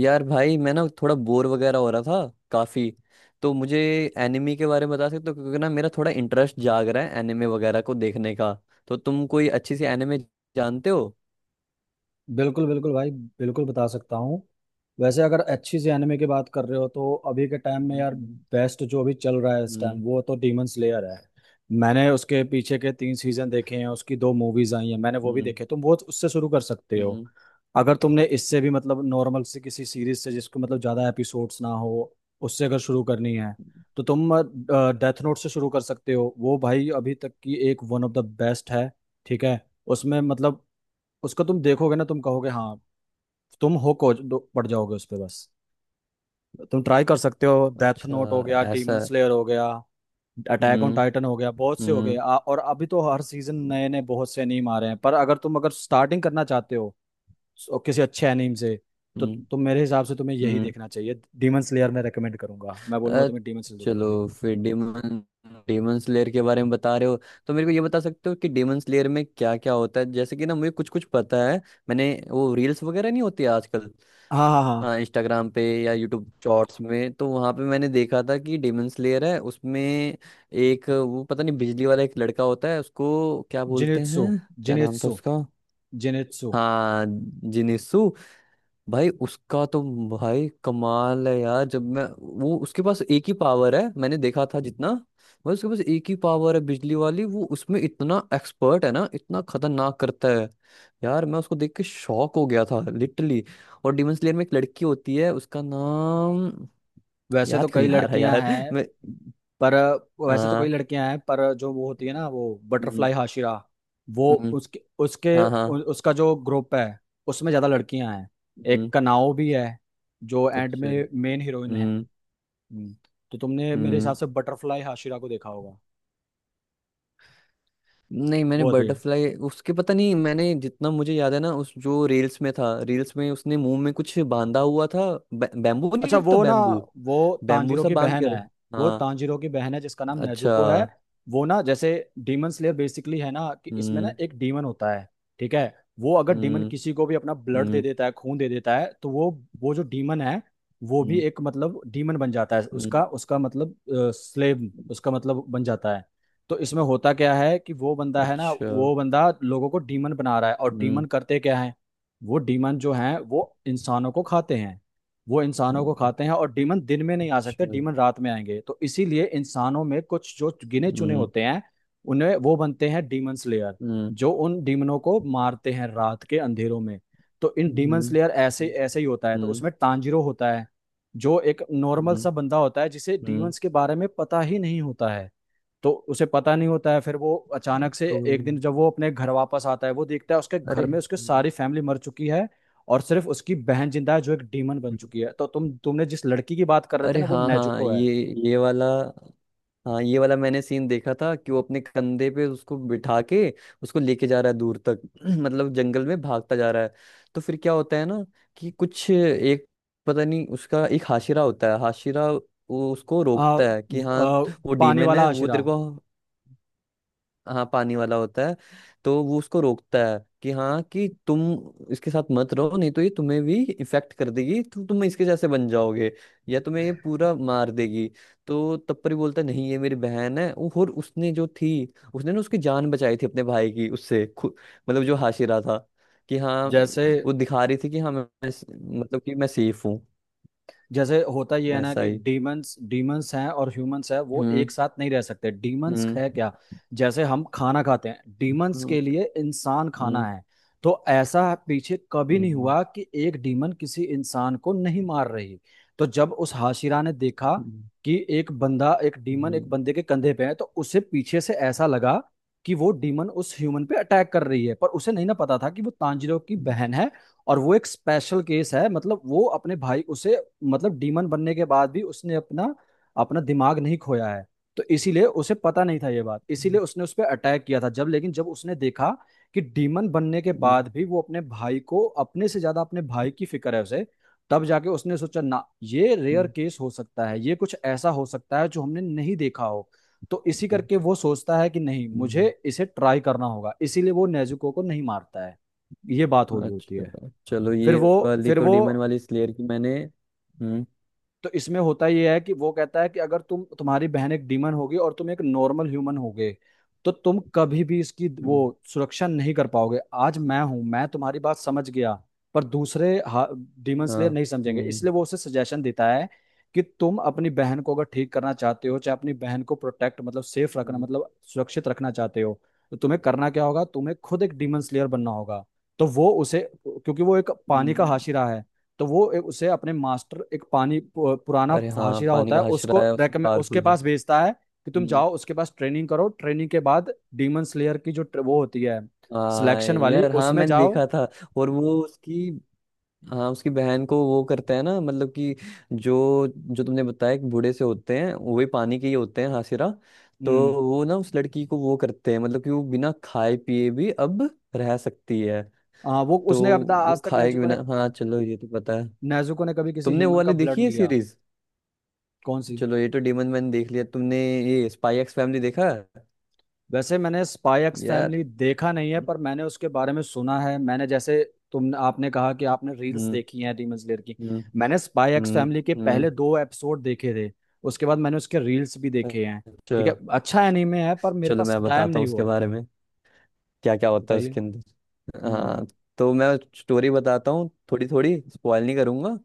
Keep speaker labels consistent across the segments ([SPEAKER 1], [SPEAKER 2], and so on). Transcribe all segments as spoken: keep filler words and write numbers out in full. [SPEAKER 1] यार भाई, मैं ना थोड़ा बोर वगैरह हो रहा था काफी। तो मुझे एनिमे के बारे में बता सकते हो, क्योंकि ना मेरा थोड़ा इंटरेस्ट जाग रहा है एनिमे वगैरह को देखने का। तो तुम कोई अच्छी सी एनिमे जानते हो?
[SPEAKER 2] बिल्कुल बिल्कुल भाई, बिल्कुल बता सकता हूँ। वैसे अगर अच्छी सी एनिमे की बात कर रहे हो तो अभी के टाइम में यार
[SPEAKER 1] हम्म।
[SPEAKER 2] बेस्ट जो अभी चल रहा है इस टाइम
[SPEAKER 1] हम्म।
[SPEAKER 2] वो तो डीमन स्लेयर है। मैंने उसके पीछे के तीन सीजन देखे हैं, उसकी दो मूवीज आई हैं, मैंने वो भी
[SPEAKER 1] हम्म।
[SPEAKER 2] देखे। तुम वो उससे शुरू कर सकते हो।
[SPEAKER 1] हम्म।
[SPEAKER 2] अगर तुमने इससे भी मतलब नॉर्मल से किसी सीरीज से जिसको मतलब ज़्यादा एपिसोड्स ना हो, उससे अगर शुरू करनी है तो तुम डेथ नोट से शुरू कर सकते हो। वो भाई अभी तक की एक वन ऑफ द बेस्ट है। ठीक है। उसमें मतलब उसको तुम देखोगे ना, तुम कहोगे हाँ। तुम हो कोच पड़ जाओगे उस पे बस। तुम ट्राई कर सकते हो, डेथ
[SPEAKER 1] अच्छा।
[SPEAKER 2] नोट हो गया, डीमन
[SPEAKER 1] ऐसा।
[SPEAKER 2] स्लेयर हो गया, अटैक ऑन
[SPEAKER 1] हम्म।
[SPEAKER 2] टाइटन हो गया, बहुत से हो गए
[SPEAKER 1] हम्म।
[SPEAKER 2] आ- और अभी तो हर सीजन नए नए बहुत से एनीम आ रहे हैं। पर अगर तुम अगर स्टार्टिंग करना चाहते हो सो- किसी अच्छे एनीम से, तो
[SPEAKER 1] हम्म।
[SPEAKER 2] तु- तुम मेरे हिसाब से तुम्हें यही
[SPEAKER 1] हम्म।
[SPEAKER 2] देखना चाहिए। डीमन स्लेयर मैं रेकमेंड करूंगा, मैं बोलूंगा
[SPEAKER 1] अ,
[SPEAKER 2] तुम्हें डीमन स्लेयर देखने के लिए।
[SPEAKER 1] चलो, फिर डेमन डेमन स्लेयर के बारे में बता रहे हो। तो मेरे को ये बता सकते हो कि डेमन स्लेयर में क्या क्या होता है? जैसे कि ना मुझे कुछ कुछ पता है। मैंने वो रील्स वगैरह नहीं होती आजकल?
[SPEAKER 2] हाँ हाँ हाँ।
[SPEAKER 1] हाँ, इंस्टाग्राम पे या यूट्यूब शॉर्ट्स में, तो वहां पे मैंने देखा था कि डेमन स्लेयर है, उसमें एक वो पता नहीं बिजली वाला एक लड़का होता है, उसको क्या बोलते
[SPEAKER 2] जिनित्सु।
[SPEAKER 1] हैं? क्या नाम था
[SPEAKER 2] जिनित्सु।
[SPEAKER 1] उसका?
[SPEAKER 2] जिनित्सु।
[SPEAKER 1] हाँ, जिनिसु। भाई उसका तो। भाई कमाल है यार। जब मैं। वो, उसके पास एक ही पावर है मैंने देखा था जितना। भाई उसके पास एक ही पावर है बिजली वाली, वो उसमें इतना एक्सपर्ट है ना, इतना खतरनाक करता है। यार मैं उसको देख के शॉक हो गया था लिटरली। और डिमन स्लेयर में एक लड़की होती है, उसका नाम।
[SPEAKER 2] वैसे तो
[SPEAKER 1] याद क्यों
[SPEAKER 2] कई
[SPEAKER 1] नहीं आ रहा
[SPEAKER 2] लड़कियां
[SPEAKER 1] यार।
[SPEAKER 2] हैं
[SPEAKER 1] मैं।
[SPEAKER 2] पर वैसे तो कई
[SPEAKER 1] हाँ।
[SPEAKER 2] लड़कियां हैं पर जो वो होती है ना वो
[SPEAKER 1] हम्म।
[SPEAKER 2] Butterfly Hashira. वो
[SPEAKER 1] हम्म।
[SPEAKER 2] उसके उसके
[SPEAKER 1] हाँ
[SPEAKER 2] उ,
[SPEAKER 1] हाँ।
[SPEAKER 2] उसका जो ग्रुप है उसमें ज्यादा लड़कियां हैं।
[SPEAKER 1] हम्म।
[SPEAKER 2] एक कनाओ भी है जो एंड
[SPEAKER 1] अच्छा।
[SPEAKER 2] में मेन हीरोइन है।
[SPEAKER 1] हम्म।
[SPEAKER 2] हम्म, तो तुमने मेरे
[SPEAKER 1] हम्म।
[SPEAKER 2] हिसाब से बटरफ्लाई हाशिरा को देखा होगा।
[SPEAKER 1] नहीं, मैंने
[SPEAKER 2] वो होती है।
[SPEAKER 1] बटरफ्लाई उसके पता नहीं, मैंने जितना मुझे याद है ना, उस जो रील्स में था, रील्स में उसने मुंह में कुछ बांधा हुआ था। बै, बैम्बू नहीं
[SPEAKER 2] अच्छा,
[SPEAKER 1] होता
[SPEAKER 2] वो ना,
[SPEAKER 1] बैम्बू?
[SPEAKER 2] वो
[SPEAKER 1] बैम्बू
[SPEAKER 2] तांजीरो
[SPEAKER 1] सा
[SPEAKER 2] की
[SPEAKER 1] बांध
[SPEAKER 2] बहन
[SPEAKER 1] कर।
[SPEAKER 2] है। वो
[SPEAKER 1] हाँ।
[SPEAKER 2] तांजीरो की बहन है जिसका नाम
[SPEAKER 1] अच्छा।
[SPEAKER 2] नेजुको है। वो ना, जैसे डीमन स्लेयर बेसिकली है ना कि इसमें ना
[SPEAKER 1] हम्म।
[SPEAKER 2] एक डीमन होता है। ठीक है। वो अगर डीमन
[SPEAKER 1] हम्म।
[SPEAKER 2] किसी को भी अपना ब्लड दे
[SPEAKER 1] हम्म।
[SPEAKER 2] देता है, खून दे देता है, तो वो वो जो डीमन है वो भी
[SPEAKER 1] हम्म।
[SPEAKER 2] एक मतलब डीमन बन जाता है। उसका
[SPEAKER 1] हम्म।
[SPEAKER 2] उसका मतलब स्लेव उसका मतलब बन जाता है। तो इसमें होता क्या है कि वो बंदा है ना,
[SPEAKER 1] अच्छा।
[SPEAKER 2] वो बंदा लोगों को डीमन बना रहा है। और डीमन
[SPEAKER 1] हम्म।
[SPEAKER 2] करते क्या है? वो डीमन जो है वो इंसानों को खाते हैं। वो इंसानों को
[SPEAKER 1] हम्म।
[SPEAKER 2] खाते हैं, और डीमन दिन में नहीं आ सकते,
[SPEAKER 1] अच्छा।
[SPEAKER 2] डीमन रात में आएंगे। तो इसीलिए इंसानों में कुछ जो गिने चुने
[SPEAKER 1] हम्म।
[SPEAKER 2] होते हैं, उन्हें वो बनते हैं डीमन स्लेयर,
[SPEAKER 1] हम्म।
[SPEAKER 2] जो उन डीमनों को मारते हैं रात के अंधेरों में। तो इन डीमन
[SPEAKER 1] हम्म।
[SPEAKER 2] स्लेयर ऐसे ऐसे ही होता है। तो
[SPEAKER 1] हम्म।
[SPEAKER 2] उसमें टांजिरो होता है जो एक नॉर्मल
[SPEAKER 1] हम्म।
[SPEAKER 2] सा बंदा होता है जिसे
[SPEAKER 1] हम्म।
[SPEAKER 2] डीमंस के बारे में पता ही नहीं होता है। तो उसे पता नहीं होता है, फिर वो अचानक से
[SPEAKER 1] ओ,
[SPEAKER 2] एक दिन जब वो अपने घर वापस आता है, वो देखता है उसके
[SPEAKER 1] अरे।
[SPEAKER 2] घर में उसके
[SPEAKER 1] हम्म,
[SPEAKER 2] सारी फैमिली मर चुकी है। और सिर्फ उसकी बहन जिंदा है जो एक डीमन बन
[SPEAKER 1] हम्म।
[SPEAKER 2] चुकी है। तो तुम तुमने जिस लड़की की बात कर रहे थे
[SPEAKER 1] अरे
[SPEAKER 2] ना, वो
[SPEAKER 1] हाँ हाँ,
[SPEAKER 2] नेजुको है।
[SPEAKER 1] ये ये वाला। हाँ ये वाला मैंने सीन देखा था कि वो अपने कंधे पे उसको बिठा के उसको लेके जा रहा है दूर तक। मतलब जंगल में भागता जा रहा है। तो फिर क्या होता है ना कि कुछ एक। पता नहीं उसका एक हाशिरा होता है, हाशिरा वो उसको
[SPEAKER 2] आ,
[SPEAKER 1] रोकता है कि
[SPEAKER 2] व-
[SPEAKER 1] हाँ
[SPEAKER 2] आ,
[SPEAKER 1] वो
[SPEAKER 2] पानी
[SPEAKER 1] डीमन
[SPEAKER 2] वाला
[SPEAKER 1] है, वो
[SPEAKER 2] आशिरा।
[SPEAKER 1] तेरे को। हाँ, पानी वाला होता है। तो वो उसको रोकता है कि हाँ कि तुम इसके साथ मत रहो, नहीं तो ये तुम्हें भी इफेक्ट कर देगी, तो तुम इसके जैसे बन जाओगे या तुम्हें ये पूरा मार देगी। तो तब पर ही बोलता है, नहीं, ये मेरी बहन है। वो- और उसने जो थी उसने ना उसकी जान बचाई थी अपने भाई की, उससे खु- मतलब जो हाशिरा था कि हाँ
[SPEAKER 2] जैसे
[SPEAKER 1] वो दिखा रही थी कि हाँ मैं मैं स- मतलब कि मैं सेफ हूँ।
[SPEAKER 2] जैसे होता ये है ना
[SPEAKER 1] ऐसा
[SPEAKER 2] कि
[SPEAKER 1] ही।
[SPEAKER 2] डीमंस डीमंस हैं और ह्यूमंस हैं, वो एक
[SPEAKER 1] हम्म।
[SPEAKER 2] साथ नहीं रह सकते। डीमंस
[SPEAKER 1] हम्म।
[SPEAKER 2] है क्या? जैसे हम खाना खाते हैं, डीमंस
[SPEAKER 1] हम्म।
[SPEAKER 2] के लिए इंसान खाना
[SPEAKER 1] हम्म।
[SPEAKER 2] है। तो ऐसा पीछे कभी नहीं
[SPEAKER 1] हम्म।
[SPEAKER 2] हुआ कि एक डीमन किसी इंसान को नहीं मार रही। तो जब उस हाशिरा ने देखा
[SPEAKER 1] हम्म।
[SPEAKER 2] कि एक बंदा, एक डीमन
[SPEAKER 1] हम्म।
[SPEAKER 2] एक बंदे के कंधे पे है, तो उसे पीछे से ऐसा लगा कि वो डीमन उस ह्यूमन पे अटैक कर रही है। पर उसे नहीं ना पता था कि वो तांजिरो की
[SPEAKER 1] हम्म।
[SPEAKER 2] बहन है और वो एक स्पेशल केस है। मतलब वो अपने भाई उसे, मतलब डीमन बनने के बाद भी उसने अपना अपना दिमाग नहीं खोया है। तो इसीलिए उसे पता नहीं था ये बात, इसीलिए उसने उस पर अटैक किया था। जब, लेकिन जब उसने देखा कि डीमन बनने के
[SPEAKER 1] हम्म।
[SPEAKER 2] बाद भी वो अपने भाई को, अपने से ज्यादा अपने भाई की फिक्र है उसे, तब जाके उसने सोचा ना, ये रेयर
[SPEAKER 1] हम्म।
[SPEAKER 2] केस हो सकता है। ये कुछ ऐसा हो सकता है जो हमने नहीं देखा हो। तो इसी करके वो सोचता है कि नहीं,
[SPEAKER 1] हम्म।
[SPEAKER 2] मुझे इसे ट्राई करना होगा, इसीलिए वो नेजुको को नहीं मारता है। ये बात हुई होती है।
[SPEAKER 1] अच्छा। चलो,
[SPEAKER 2] फिर
[SPEAKER 1] ये
[SPEAKER 2] वो
[SPEAKER 1] वाली
[SPEAKER 2] फिर
[SPEAKER 1] तो
[SPEAKER 2] वो
[SPEAKER 1] डीमन वाली स्लेयर की मैंने। हम्म।
[SPEAKER 2] तो इसमें होता ये है कि वो कहता है कि अगर तुम, तुम्हारी बहन एक डीमन होगी और तुम एक नॉर्मल ह्यूमन होगे, तो तुम कभी भी इसकी वो
[SPEAKER 1] हम्म।
[SPEAKER 2] सुरक्षा नहीं कर पाओगे। आज मैं हूं, मैं तुम्हारी बात समझ गया, पर दूसरे डीमन
[SPEAKER 1] हाँ।
[SPEAKER 2] स्लेयर नहीं समझेंगे।
[SPEAKER 1] हम्म।
[SPEAKER 2] इसलिए वो उसे सजेशन देता है कि तुम अपनी बहन को अगर ठीक करना चाहते हो, चाहे अपनी बहन को प्रोटेक्ट मतलब सेफ रखना,
[SPEAKER 1] हम्म।
[SPEAKER 2] मतलब सुरक्षित रखना चाहते हो, तो तुम्हें करना क्या होगा, तुम्हें खुद एक डीमन स्लेयर बनना होगा। तो वो उसे, क्योंकि वो एक पानी का
[SPEAKER 1] हम्म।
[SPEAKER 2] हाशिरा है, तो वो ए- उसे अपने मास्टर, एक पानी पु- पुराना
[SPEAKER 1] अरे हाँ,
[SPEAKER 2] हाशिरा
[SPEAKER 1] पानी
[SPEAKER 2] होता
[SPEAKER 1] का
[SPEAKER 2] है, उसको
[SPEAKER 1] हशरा है, उसमें
[SPEAKER 2] रेकमेंड उसके
[SPEAKER 1] पावरफुल है।
[SPEAKER 2] पास भेजता है कि तुम
[SPEAKER 1] हम्म।
[SPEAKER 2] जाओ उसके पास ट्रेनिंग करो। ट्रेनिंग के बाद डीमन स्लेयर की जो ट्र- वो होती है
[SPEAKER 1] हाँ
[SPEAKER 2] सिलेक्शन वाली,
[SPEAKER 1] यार, हाँ
[SPEAKER 2] उसमें
[SPEAKER 1] मैंने
[SPEAKER 2] जाओ।
[SPEAKER 1] देखा था। और वो उसकी। हाँ उसकी बहन को वो करता है ना, मतलब कि जो जो तुमने बताया कि बूढ़े से होते हैं वो भी पानी के ही होते हैं, हाशिरा। तो
[SPEAKER 2] हम्म।
[SPEAKER 1] वो ना उस लड़की को वो करते हैं, मतलब कि वो बिना खाए पिए भी अब रह सकती है।
[SPEAKER 2] हाँ, वो
[SPEAKER 1] तो
[SPEAKER 2] उसने अब तक- आज
[SPEAKER 1] वो
[SPEAKER 2] तक
[SPEAKER 1] खाए के
[SPEAKER 2] नेजुको
[SPEAKER 1] बिना,
[SPEAKER 2] ने,
[SPEAKER 1] हाँ, चलो ये तो पता है।
[SPEAKER 2] नेजुको ने कभी किसी
[SPEAKER 1] तुमने वो
[SPEAKER 2] ह्यूमन
[SPEAKER 1] वाली
[SPEAKER 2] का
[SPEAKER 1] देखी
[SPEAKER 2] ब्लड
[SPEAKER 1] है
[SPEAKER 2] नहीं लिया।
[SPEAKER 1] सीरीज?
[SPEAKER 2] कौन सी?
[SPEAKER 1] चलो ये तो डेमन मैन देख लिया तुमने, ये स्पाई एक्स फैमिली देखा है?
[SPEAKER 2] वैसे मैंने स्पाई एक्स
[SPEAKER 1] यार।
[SPEAKER 2] फैमिली देखा नहीं है, पर मैंने उसके बारे में सुना है। मैंने जैसे तुम, आपने कहा कि आपने रील्स
[SPEAKER 1] हम्म।
[SPEAKER 2] देखी हैं डीमन स्लेयर की,
[SPEAKER 1] हम्म।
[SPEAKER 2] मैंने स्पाई एक्स
[SPEAKER 1] हम्म।
[SPEAKER 2] फैमिली के
[SPEAKER 1] हम्म।
[SPEAKER 2] पहले दो एपिसोड देखे थे। उसके बाद मैंने उसके रील्स भी देखे हैं।
[SPEAKER 1] अच्छा।
[SPEAKER 2] ठीक है, अच्छा एनीमे है पर मेरे
[SPEAKER 1] चलो,
[SPEAKER 2] पास
[SPEAKER 1] मैं
[SPEAKER 2] टाइम
[SPEAKER 1] बताता हूँ
[SPEAKER 2] नहीं
[SPEAKER 1] उसके
[SPEAKER 2] हुआ।
[SPEAKER 1] बारे में, क्या क्या होता है
[SPEAKER 2] बताइए।
[SPEAKER 1] उसके अंदर।
[SPEAKER 2] हम्म।
[SPEAKER 1] हाँ। तो मैं स्टोरी बताता हूँ थोड़ी थोड़ी, स्पॉइल नहीं करूंगा,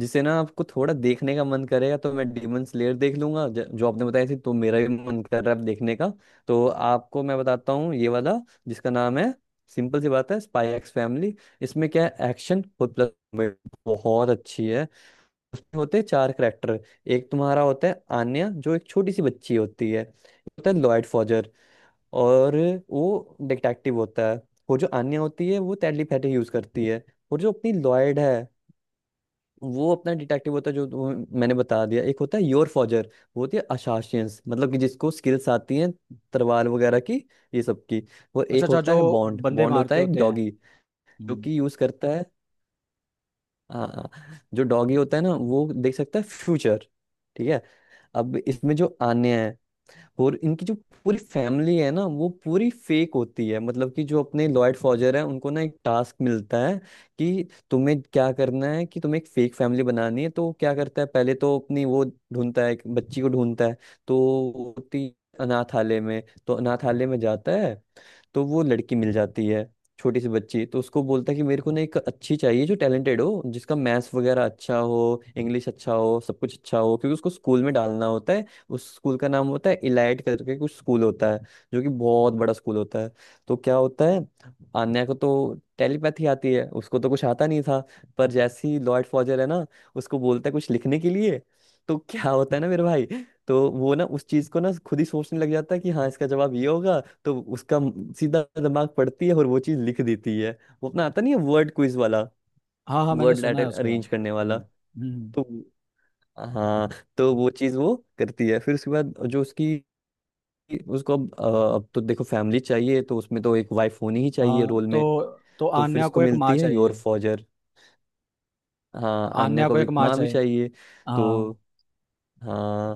[SPEAKER 1] जिससे ना आपको थोड़ा देखने का मन करेगा। तो मैं डेमन स्लेयर देख लूंगा ज- जो आपने बताया थी, तो मेरा भी मन कर रहा है अब देखने का। तो आपको मैं बताता हूँ ये वाला, जिसका नाम है। सिंपल सी बात है, स्पाई एक्स फैमिली। इसमें क्या है, एक्शन और प्लस बहुत अच्छी है। उसमें होते हैं चार करेक्टर। एक तुम्हारा होता है आन्या जो एक छोटी सी बच्ची होती है, होता है लॉयड फॉजर, और वो डिटेक्टिव होता है। वो जो आन्या होती है वो टेलीपैथी यूज करती है। और जो अपनी लॉयड है, वो अपना डिटेक्टिव होता है, जो वो। मैंने बता दिया। एक होता है योर फॉजर, वो होती है असासियंस, मतलब कि जिसको स्किल्स आती हैं तलवार वगैरह की, ये सब की। और
[SPEAKER 2] अच्छा
[SPEAKER 1] एक
[SPEAKER 2] अच्छा,
[SPEAKER 1] होता
[SPEAKER 2] जो
[SPEAKER 1] है बॉन्ड,
[SPEAKER 2] बंदे
[SPEAKER 1] बॉन्ड होता
[SPEAKER 2] मारते
[SPEAKER 1] है एक
[SPEAKER 2] होते हैं।
[SPEAKER 1] डॉगी जो
[SPEAKER 2] हम्म।
[SPEAKER 1] कि यूज करता है। हाँ हाँ, जो डॉगी होता है ना वो देख सकता है फ्यूचर। ठीक है। अब इसमें जो आन्या है और इनकी जो पूरी फैमिली है ना, वो पूरी फेक होती है। मतलब कि जो अपने लॉयड फॉजर है उनको ना एक टास्क मिलता है कि तुम्हें क्या करना है, कि तुम्हें एक फेक फैमिली बनानी है। तो वो क्या करता है, पहले तो अपनी वो ढूंढता है, एक बच्ची को ढूंढता है। तो वो होती अनाथालय में, तो अनाथालय में जाता है, तो वो लड़की मिल जाती है, छोटी सी बच्ची। तो उसको बोलता है कि मेरे को ना एक अच्छी चाहिए जो टैलेंटेड हो, जिसका मैथ्स वगैरह अच्छा हो, इंग्लिश अच्छा हो, सब कुछ अच्छा हो, क्योंकि उसको स्कूल में डालना होता है। उस स्कूल का नाम होता है इलाइट करके कुछ स्कूल होता है, जो कि बहुत बड़ा स्कूल होता है। तो क्या होता है, आन्या को तो टेलीपैथी आती है, उसको तो कुछ आता नहीं था, पर जैसे ही लॉर्ड फॉजर है ना उसको बोलता है कुछ लिखने के लिए, तो क्या होता है ना मेरे भाई, तो वो ना उस चीज को ना खुद ही सोचने लग जाता है कि हाँ, इसका जवाब ये होगा, तो उसका म- सीधा दिमाग पड़ती है और वो चीज लिख देती है। वो अपना आता नहीं है वर्ड क्विज वाला,
[SPEAKER 2] हाँ हाँ, मैंने
[SPEAKER 1] वर्ड
[SPEAKER 2] सुना है
[SPEAKER 1] लेटर
[SPEAKER 2] उसके बारे
[SPEAKER 1] अरेंज
[SPEAKER 2] में।
[SPEAKER 1] करने वाला।
[SPEAKER 2] हम्म। हम्म।
[SPEAKER 1] तो। हाँ। तो वो चीज वो करती है। फिर उसके बाद जो उसकी। उसको अब अ, अब तो देखो फैमिली चाहिए, तो उसमें तो एक वाइफ होनी ही चाहिए
[SPEAKER 2] हाँ
[SPEAKER 1] रोल में।
[SPEAKER 2] तो तो
[SPEAKER 1] तो फिर
[SPEAKER 2] आन्या
[SPEAKER 1] उसको
[SPEAKER 2] को एक माँ
[SPEAKER 1] मिलती है योर
[SPEAKER 2] चाहिए।
[SPEAKER 1] फॉजर। हाँ, अन्य
[SPEAKER 2] आन्या को
[SPEAKER 1] को
[SPEAKER 2] एक
[SPEAKER 1] एक
[SPEAKER 2] माँ
[SPEAKER 1] माँ भी
[SPEAKER 2] चाहिए।
[SPEAKER 1] चाहिए।
[SPEAKER 2] हाँ,
[SPEAKER 1] तो, हाँ,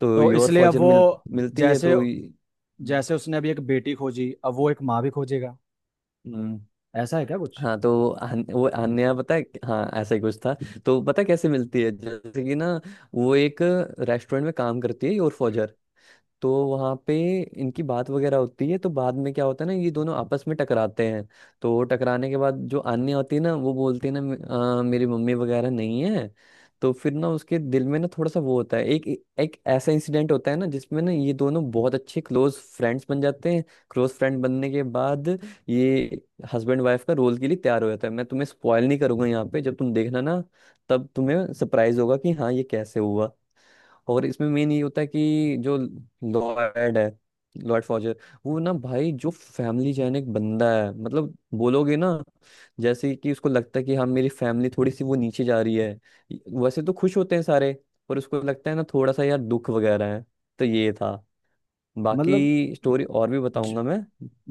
[SPEAKER 1] तो
[SPEAKER 2] तो
[SPEAKER 1] योर
[SPEAKER 2] इसलिए अब
[SPEAKER 1] फॉजर मिल।
[SPEAKER 2] वो,
[SPEAKER 1] मिलती है,
[SPEAKER 2] जैसे
[SPEAKER 1] तो ये।
[SPEAKER 2] जैसे उसने अभी एक बेटी खोजी, अब वो एक माँ भी खोजेगा।
[SPEAKER 1] हम्म।
[SPEAKER 2] ऐसा है क्या कुछ?
[SPEAKER 1] हाँ, तो अन- वो अन्य पता है, हाँ ऐसा ही कुछ था। तो पता है कैसे मिलती है, जैसे कि ना वो एक रेस्टोरेंट में काम करती है, योर फौजर। तो वहाँ पे इनकी बात वगैरह होती है, तो बाद में क्या होता है ना, ये दोनों आपस में टकराते हैं। तो टकराने के बाद जो आन्या होती है ना, वो बोलती है ना, "मे- अ, मेरी मम्मी वगैरह नहीं है"। तो फिर ना उसके दिल में ना थोड़ा सा वो होता है, एक एक ऐसा इंसिडेंट होता है ना जिसमें ना ये दोनों बहुत अच्छे क्लोज फ्रेंड्स बन जाते हैं। क्लोज फ्रेंड बनने के बाद ये हस्बैंड वाइफ का रोल के लिए तैयार हो जाता है। मैं तुम्हें स्पॉयल नहीं करूंगा, यहाँ पे जब तुम देखना ना, तब तुम्हें सरप्राइज होगा कि हाँ ये कैसे हुआ। और इसमें मेन ये होता है कि जो लॉयड है, लॉयड फॉजर, वो ना भाई जो फैमिली जैन एक बंदा है मतलब बोलोगे ना, जैसे कि उसको लगता है कि हाँ मेरी फैमिली थोड़ी सी वो नीचे जा रही है। वैसे तो खुश होते हैं सारे, पर उसको लगता है ना थोड़ा सा यार दुख वगैरह है। तो ये था।
[SPEAKER 2] मतलब
[SPEAKER 1] बाकी स्टोरी और भी
[SPEAKER 2] जि,
[SPEAKER 1] बताऊंगा मैं।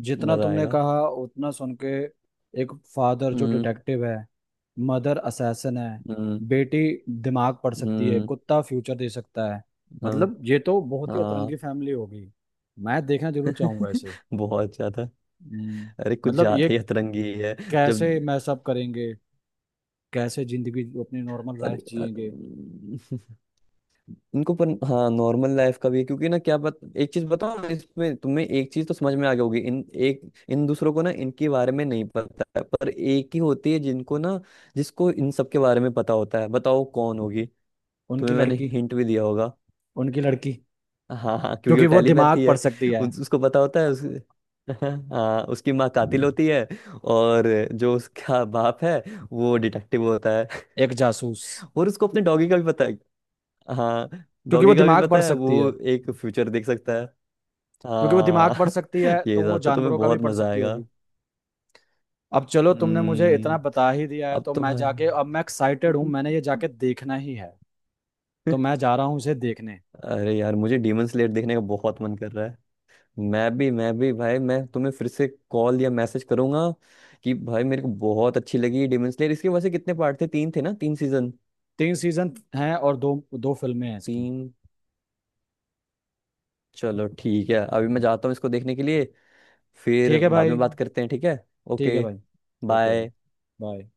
[SPEAKER 2] जितना
[SPEAKER 1] मजा
[SPEAKER 2] तुमने
[SPEAKER 1] आएगा।
[SPEAKER 2] कहा उतना सुन के, एक फादर जो
[SPEAKER 1] हम्म।
[SPEAKER 2] डिटेक्टिव है, मदर असैसिन है,
[SPEAKER 1] हम्म।
[SPEAKER 2] बेटी दिमाग पढ़ सकती है,
[SPEAKER 1] हम्म।
[SPEAKER 2] कुत्ता फ्यूचर दे सकता है,
[SPEAKER 1] हम।
[SPEAKER 2] मतलब ये तो बहुत ही
[SPEAKER 1] हाँ।
[SPEAKER 2] अतरंगी फैमिली होगी। मैं देखना जरूर चाहूंगा इसे।
[SPEAKER 1] बहुत ज्यादा।
[SPEAKER 2] हम्म,
[SPEAKER 1] अरे कुछ
[SPEAKER 2] मतलब
[SPEAKER 1] ज्यादा
[SPEAKER 2] ये
[SPEAKER 1] ही अतरंगी है। जब।
[SPEAKER 2] कैसे मैसअप करेंगे? कैसे जिंदगी, अपनी नॉर्मल
[SPEAKER 1] अरे
[SPEAKER 2] लाइफ
[SPEAKER 1] अ,
[SPEAKER 2] जिएंगे?
[SPEAKER 1] इनको पर हाँ नॉर्मल लाइफ का भी है, क्योंकि ना क्या बात। एक चीज बताओ ना, इसमें तुम्हें एक चीज तो समझ में आ गई होगी। इन एक इन दूसरों को ना इनके बारे में नहीं पता है, पर एक ही होती है जिनको ना जिसको इन सब के बारे में पता होता है, बताओ कौन होगी?
[SPEAKER 2] उनकी
[SPEAKER 1] तुम्हें मैंने
[SPEAKER 2] लड़की।
[SPEAKER 1] हिंट भी दिया होगा।
[SPEAKER 2] उनकी लड़की।
[SPEAKER 1] हाँ हाँ, क्योंकि वो
[SPEAKER 2] क्योंकि वो दिमाग
[SPEAKER 1] टेलीपैथी है।
[SPEAKER 2] पढ़ सकती है।
[SPEAKER 1] उस, उसको पता होता है उस, हाँ उसकी माँ कातिल होती है, और जो उसका बाप है वो डिटेक्टिव होता है,
[SPEAKER 2] एक जासूस।
[SPEAKER 1] और उसको अपने डॉगी का भी पता है। हाँ,
[SPEAKER 2] क्योंकि वो
[SPEAKER 1] डॉगी का भी
[SPEAKER 2] दिमाग पढ़
[SPEAKER 1] पता है,
[SPEAKER 2] सकती
[SPEAKER 1] वो
[SPEAKER 2] है।
[SPEAKER 1] एक फ्यूचर देख सकता है।
[SPEAKER 2] क्योंकि वो दिमाग पढ़
[SPEAKER 1] हाँ।
[SPEAKER 2] सकती है तो
[SPEAKER 1] ये
[SPEAKER 2] वो
[SPEAKER 1] था, तो तुम्हें
[SPEAKER 2] जानवरों का भी
[SPEAKER 1] बहुत
[SPEAKER 2] पढ़
[SPEAKER 1] मजा
[SPEAKER 2] सकती
[SPEAKER 1] आएगा।
[SPEAKER 2] होगी। अब चलो, तुमने मुझे इतना
[SPEAKER 1] हम्म।
[SPEAKER 2] बता ही दिया है
[SPEAKER 1] अब
[SPEAKER 2] तो
[SPEAKER 1] तो
[SPEAKER 2] मैं
[SPEAKER 1] भाई।
[SPEAKER 2] जाके, अब मैं एक्साइटेड हूँ, मैंने ये जाके देखना ही है। तो मैं जा रहा हूँ इसे देखने।
[SPEAKER 1] अरे यार, मुझे डीमन स्लेयर देखने का बहुत मन कर रहा है। मैं भी मैं भी भाई, मैं तुम्हें फिर से कॉल या मैसेज करूंगा कि भाई मेरे को बहुत अच्छी लगी डीमन स्लेयर। इसके वैसे कितने पार्ट थे? तीन थे ना, तीन सीजन?
[SPEAKER 2] तीन सीजन हैं और दो दो फिल्में हैं इसकी।
[SPEAKER 1] तीन। चलो ठीक है, अभी मैं जाता हूँ इसको देखने के लिए, फिर
[SPEAKER 2] ठीक है
[SPEAKER 1] बाद
[SPEAKER 2] भाई।
[SPEAKER 1] में बात करते हैं, ठीक है?
[SPEAKER 2] ठीक है
[SPEAKER 1] ओके,
[SPEAKER 2] भाई। ओके भाई।
[SPEAKER 1] बाय।
[SPEAKER 2] बाय।